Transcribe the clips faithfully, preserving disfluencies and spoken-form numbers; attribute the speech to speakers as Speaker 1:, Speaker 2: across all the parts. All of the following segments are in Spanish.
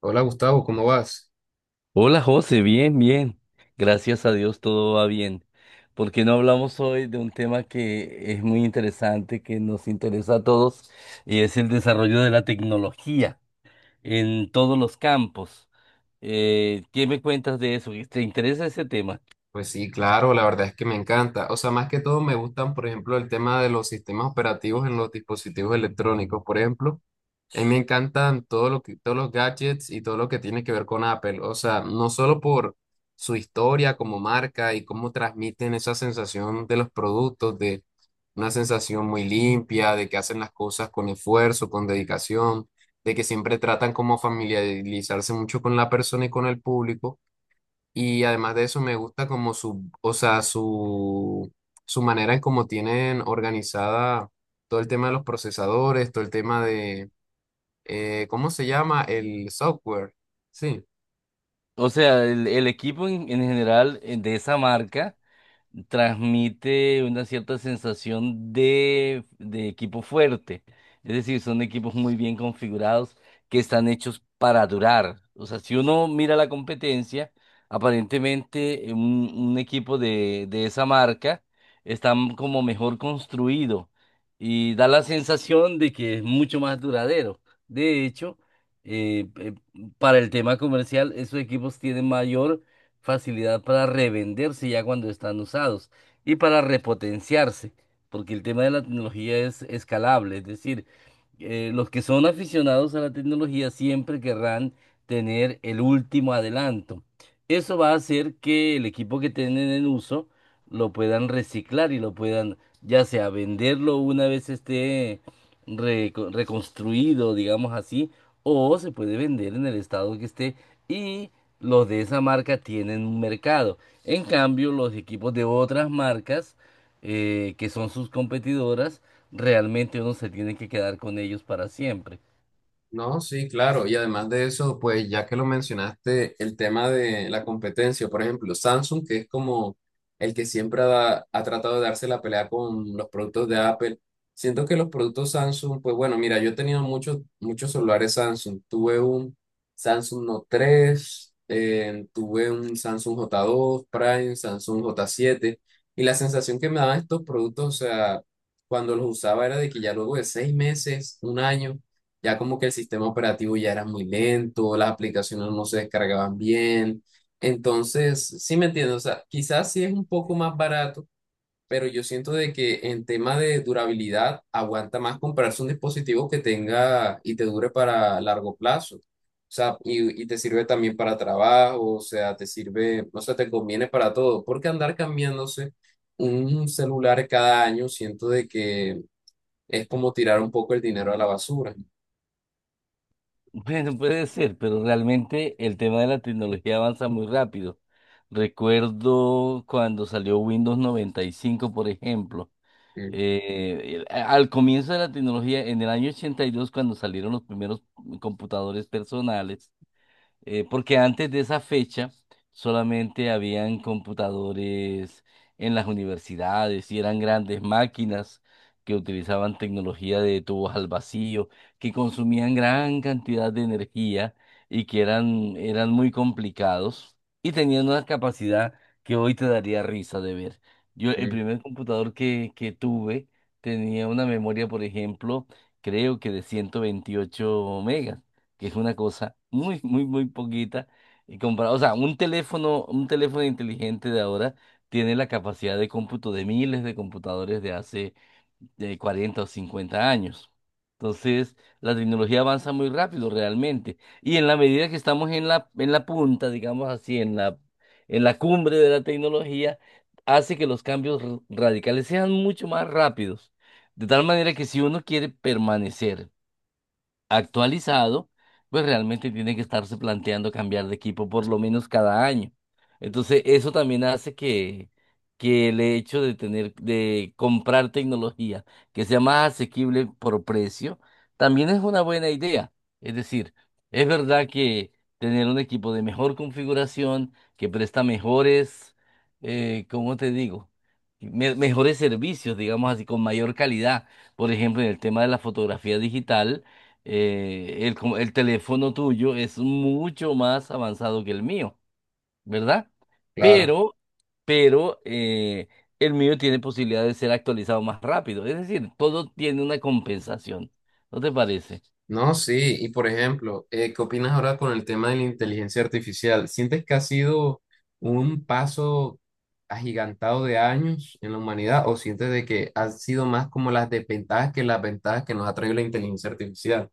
Speaker 1: Hola Gustavo, ¿cómo vas?
Speaker 2: Hola José, bien, bien. Gracias a Dios todo va bien. ¿Por qué no hablamos hoy de un tema que es muy interesante, que nos interesa a todos, y es el desarrollo de la tecnología en todos los campos? Eh, ¿qué me cuentas de eso? ¿Te interesa ese tema?
Speaker 1: Pues sí, claro, la verdad es que me encanta. O sea, más que todo me gustan, por ejemplo, el tema de los sistemas operativos en los dispositivos electrónicos. Por ejemplo, a mí me encantan todo lo que, todos los gadgets y todo lo que tiene que ver con Apple. O sea, no solo por su historia como marca y cómo transmiten esa sensación de los productos, de una sensación muy limpia, de que hacen las cosas con esfuerzo, con dedicación, de que siempre tratan como familiarizarse mucho con la persona y con el público. Y además de eso me gusta como su, o sea, su, su manera en cómo tienen organizada todo el tema de los procesadores, todo el tema de, eh, ¿cómo se llama? El software. Sí.
Speaker 2: O sea, el, el equipo en, en general, eh, de esa marca transmite una cierta sensación de, de equipo fuerte. Es decir, son equipos muy bien configurados que están hechos para durar. O sea, si uno mira la competencia, aparentemente, eh, un, un equipo de, de esa marca está como mejor construido y da la sensación de que es mucho más duradero. De hecho, eh, eh, para el tema comercial, esos equipos tienen mayor facilidad para revenderse ya cuando están usados y para repotenciarse, porque el tema de la tecnología es escalable. Es decir, eh, los que son aficionados a la tecnología siempre querrán tener el último adelanto. Eso va a hacer que el equipo que tienen en uso lo puedan reciclar y lo puedan ya sea venderlo una vez esté reco- reconstruido, digamos así, o se puede vender en el estado que esté, y los de esa marca tienen un mercado. En cambio, los equipos de otras marcas, eh, que son sus competidoras, realmente uno se tiene que quedar con ellos para siempre.
Speaker 1: No, sí, claro. Y además de eso, pues ya que lo mencionaste, el tema de la competencia, por ejemplo, Samsung, que es como el que siempre ha, ha tratado de darse la pelea con los productos de Apple. Siento que los productos Samsung, pues bueno, mira, yo he tenido muchos, muchos celulares Samsung. Tuve un Samsung Note tres, eh, tuve un Samsung j dos Prime, Samsung j siete. Y la sensación que me daban estos productos, o sea, cuando los usaba era de que ya luego de seis meses, un año ya como que el sistema operativo ya era muy lento, las aplicaciones no se descargaban bien. Entonces, sí me entiendo, o sea, quizás sí es un poco más barato, pero yo siento de que en tema de durabilidad aguanta más comprarse un dispositivo que tenga y te dure para largo plazo. O sea, y, y te sirve también para trabajo, o sea, te sirve, o sea, te conviene para todo, porque andar cambiándose un celular cada año, siento de que es como tirar un poco el dinero a la basura.
Speaker 2: Bueno, puede ser, pero realmente el tema de la tecnología avanza muy rápido. Recuerdo cuando salió Windows noventa y cinco, por ejemplo.
Speaker 1: Mm.
Speaker 2: Eh, el- a- al comienzo de la tecnología, en el año ochenta y dos, cuando salieron los primeros computadores personales, eh, porque antes de esa fecha solamente habían computadores en las universidades y eran grandes máquinas que utilizaban tecnología de tubos al vacío, que consumían gran cantidad de energía y que eran, eran muy complicados y tenían una capacidad que hoy te daría risa de ver. Yo, el
Speaker 1: Mm.
Speaker 2: primer computador que, que tuve tenía una memoria, por ejemplo, creo que de ciento veintiocho megas, que es una cosa muy, muy, muy poquita. Y comparado, o sea, un teléfono, un teléfono inteligente de ahora tiene la capacidad de cómputo de miles de computadores de hace de cuarenta o cincuenta años. Entonces, la tecnología avanza muy rápido realmente. Y en la medida que estamos en la, en la punta, digamos así, en la, en la cumbre de la tecnología, hace que los cambios r- radicales sean mucho más rápidos. De tal manera que si uno quiere permanecer actualizado, pues realmente tiene que estarse planteando cambiar de equipo por lo menos cada año. Entonces, eso también hace que, que el hecho de tener, de comprar tecnología que sea más asequible por precio, también es una buena idea. Es decir, es verdad que tener un equipo de mejor configuración, que presta mejores, eh, ¿cómo te digo?, me- mejores servicios, digamos así, con mayor calidad. Por ejemplo, en el tema de la fotografía digital, eh, el, com- el teléfono tuyo es mucho más avanzado que el mío, ¿verdad?
Speaker 1: Claro.
Speaker 2: Pero, pero eh, el mío tiene posibilidad de ser actualizado más rápido. Es decir, todo tiene una compensación. ¿No te parece?
Speaker 1: No, sí. Y por ejemplo, eh, ¿qué opinas ahora con el tema de la inteligencia artificial? ¿Sientes que ha sido un paso agigantado de años en la humanidad o sientes de que han sido más como las desventajas que las ventajas que nos ha traído la inteligencia artificial?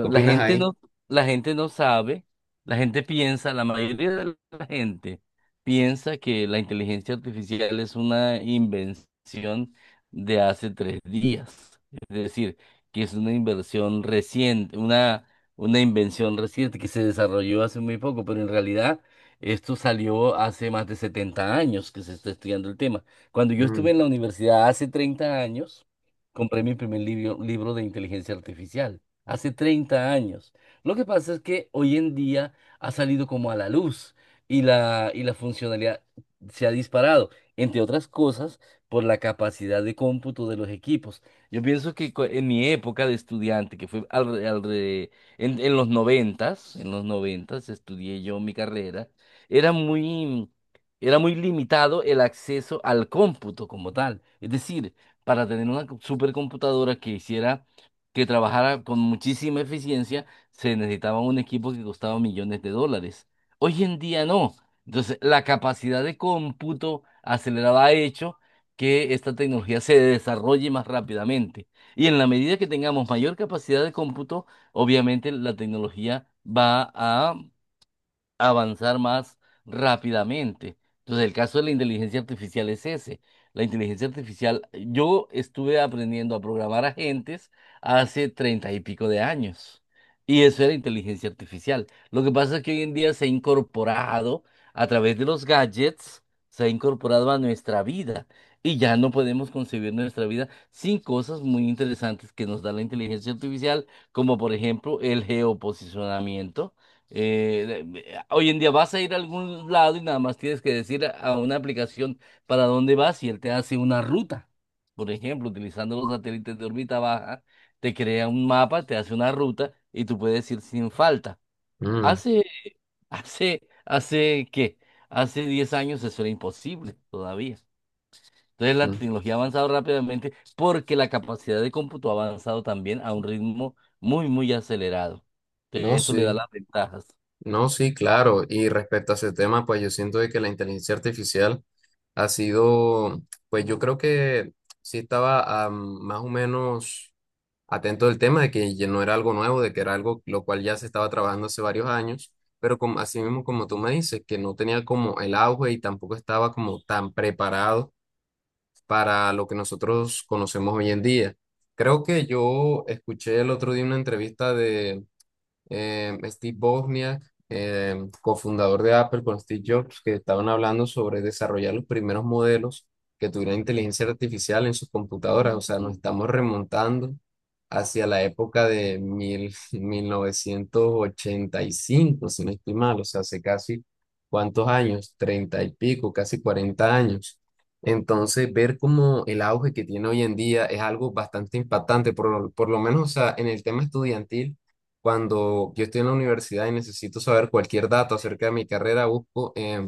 Speaker 1: ¿Qué
Speaker 2: la
Speaker 1: opinas
Speaker 2: gente
Speaker 1: ahí?
Speaker 2: no, la gente no sabe, la gente piensa, la mayoría de la gente piensa que la inteligencia artificial es una invención de hace tres días. Es decir, que es una inversión reciente, una, una invención reciente que se desarrolló hace muy poco, pero en realidad esto salió hace más de setenta años que se está estudiando el tema. Cuando yo estuve
Speaker 1: Mm,
Speaker 2: en la universidad hace treinta años, compré mi primer libro, libro de inteligencia artificial hace treinta años. Lo que pasa es que hoy en día ha salido como a la luz, y la, y la funcionalidad se ha disparado, entre otras cosas, por la capacidad de cómputo de los equipos. Yo pienso que co- en mi época de estudiante, que fue al alre- en, en los noventas, en los noventas estudié yo mi carrera. era muy, Era muy limitado el acceso al cómputo como tal. Es decir, para tener una supercomputadora que hiciera que trabajara con muchísima eficiencia, se necesitaba un equipo que costaba millones de dólares. Hoy en día no. Entonces, la capacidad de cómputo acelerada ha hecho que esta tecnología se desarrolle más rápidamente. Y en la medida que tengamos mayor capacidad de cómputo, obviamente la tecnología va a avanzar más rápidamente. Entonces, el caso de la inteligencia artificial es ese. La inteligencia artificial, yo estuve aprendiendo a programar agentes hace treinta y pico de años. Y eso era inteligencia artificial. Lo que pasa es que hoy en día se ha incorporado a través de los gadgets, se ha incorporado a nuestra vida. Y ya no podemos concebir nuestra vida sin cosas muy interesantes que nos da la inteligencia artificial, como por ejemplo el geoposicionamiento. Eh, eh, hoy en día vas a ir a algún lado y nada más tienes que decir a a una aplicación para dónde vas y él te hace una ruta. Por ejemplo, utilizando los satélites de órbita baja, te crea un mapa, te hace una ruta y tú puedes ir sin falta.
Speaker 1: mm,
Speaker 2: Hace, hace, Hace ¿qué? Hace diez años eso era imposible todavía. Entonces, la
Speaker 1: mm.
Speaker 2: tecnología ha avanzado rápidamente porque la capacidad de cómputo ha avanzado también a un ritmo muy, muy acelerado. Entonces,
Speaker 1: No,
Speaker 2: eso le da
Speaker 1: sí.
Speaker 2: las ventajas.
Speaker 1: No, sí, claro. Y respecto a ese tema, pues yo siento de que la inteligencia artificial ha sido, pues yo creo que sí estaba, ah, más o menos atento del tema de que ya no era algo nuevo, de que era algo lo cual ya se estaba trabajando hace varios años, pero como, así mismo como tú me dices, que no tenía como el auge y tampoco estaba como tan preparado para lo que nosotros conocemos hoy en día. Creo que yo escuché el otro día una entrevista de eh, Steve Wozniak, eh, cofundador de Apple con Steve Jobs, que estaban hablando sobre desarrollar los primeros modelos que tuvieran inteligencia artificial en sus computadoras. O sea, nos estamos remontando hacia la época de mil, mil novecientos ochenta y cinco, si no estoy mal. O sea, hace casi, ¿cuántos años? Treinta y pico, casi cuarenta años. Entonces, ver cómo el auge que tiene hoy en día es algo bastante impactante, por, lo- por lo menos, o sea, en el tema estudiantil, cuando yo estoy en la universidad y necesito saber cualquier dato acerca de mi carrera, busco, em,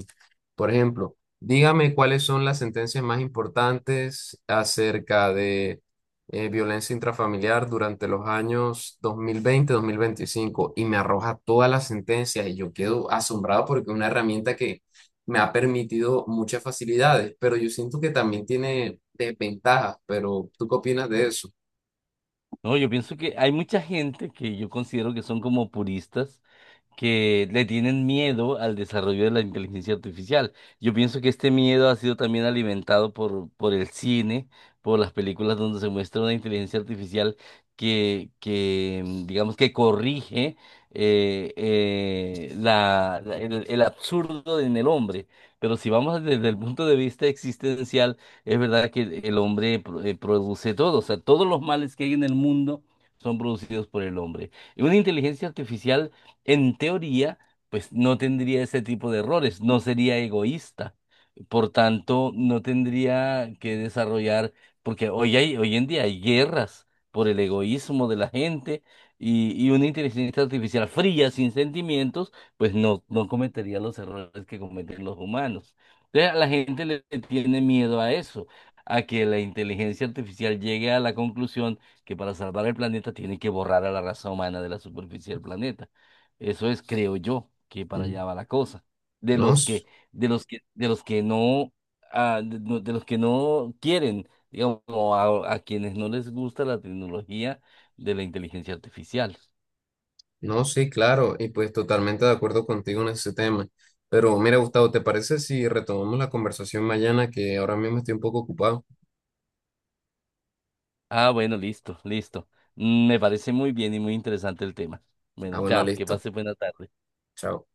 Speaker 1: por ejemplo, dígame cuáles son las sentencias más importantes acerca de, eh, violencia intrafamiliar durante los años dos dos mil veinte mil veinticinco, y me arroja todas las sentencias y yo quedo asombrado porque es una herramienta que me ha permitido muchas facilidades, pero yo siento que también tiene desventajas, pero ¿tú qué opinas de eso?
Speaker 2: No, yo pienso que hay mucha gente que yo considero que son como puristas, que le tienen miedo al desarrollo de la inteligencia artificial. Yo pienso que este miedo ha sido también alimentado por, por el cine, por las películas donde se muestra una inteligencia artificial que, que, mm, digamos, que corrige, eh, eh, la, la- el, el absurdo en el hombre. Pero si vamos desde el punto de vista existencial, es verdad que el el hombre pro- eh, produce todo. O sea, todos los males que hay en el mundo son producidos por el hombre. Y una inteligencia artificial, en teoría, pues no tendría ese tipo de errores, no sería egoísta. Por tanto, no tendría que desarrollar, porque hoy hay, hoy en día hay guerras por el egoísmo de la gente, y, y una inteligencia artificial fría, sin sentimientos, pues no, no cometería los errores que cometen los humanos. Entonces, a la gente le le tiene miedo a eso, a que la inteligencia artificial llegue a la conclusión que para salvar el planeta tiene que borrar a la raza humana de la superficie del planeta. Eso es, creo yo, que para
Speaker 1: Mm.
Speaker 2: allá va la cosa. De
Speaker 1: ¿No?
Speaker 2: los que, de los que, de los que no, ah, de, no- de los que no quieren, digamos, o a, a quienes no les gusta la tecnología de la inteligencia artificial.
Speaker 1: Sí. No, sí, claro, y pues totalmente de acuerdo contigo en ese tema. Pero mira, Gustavo, ¿te parece si retomamos la conversación mañana que ahora mismo estoy un poco ocupado?
Speaker 2: Ah, bueno, listo, listo. Mm, me parece muy bien y muy interesante el tema. Bueno,
Speaker 1: Ah, bueno,
Speaker 2: chao, que
Speaker 1: listo.
Speaker 2: pase buena tarde.
Speaker 1: Chao.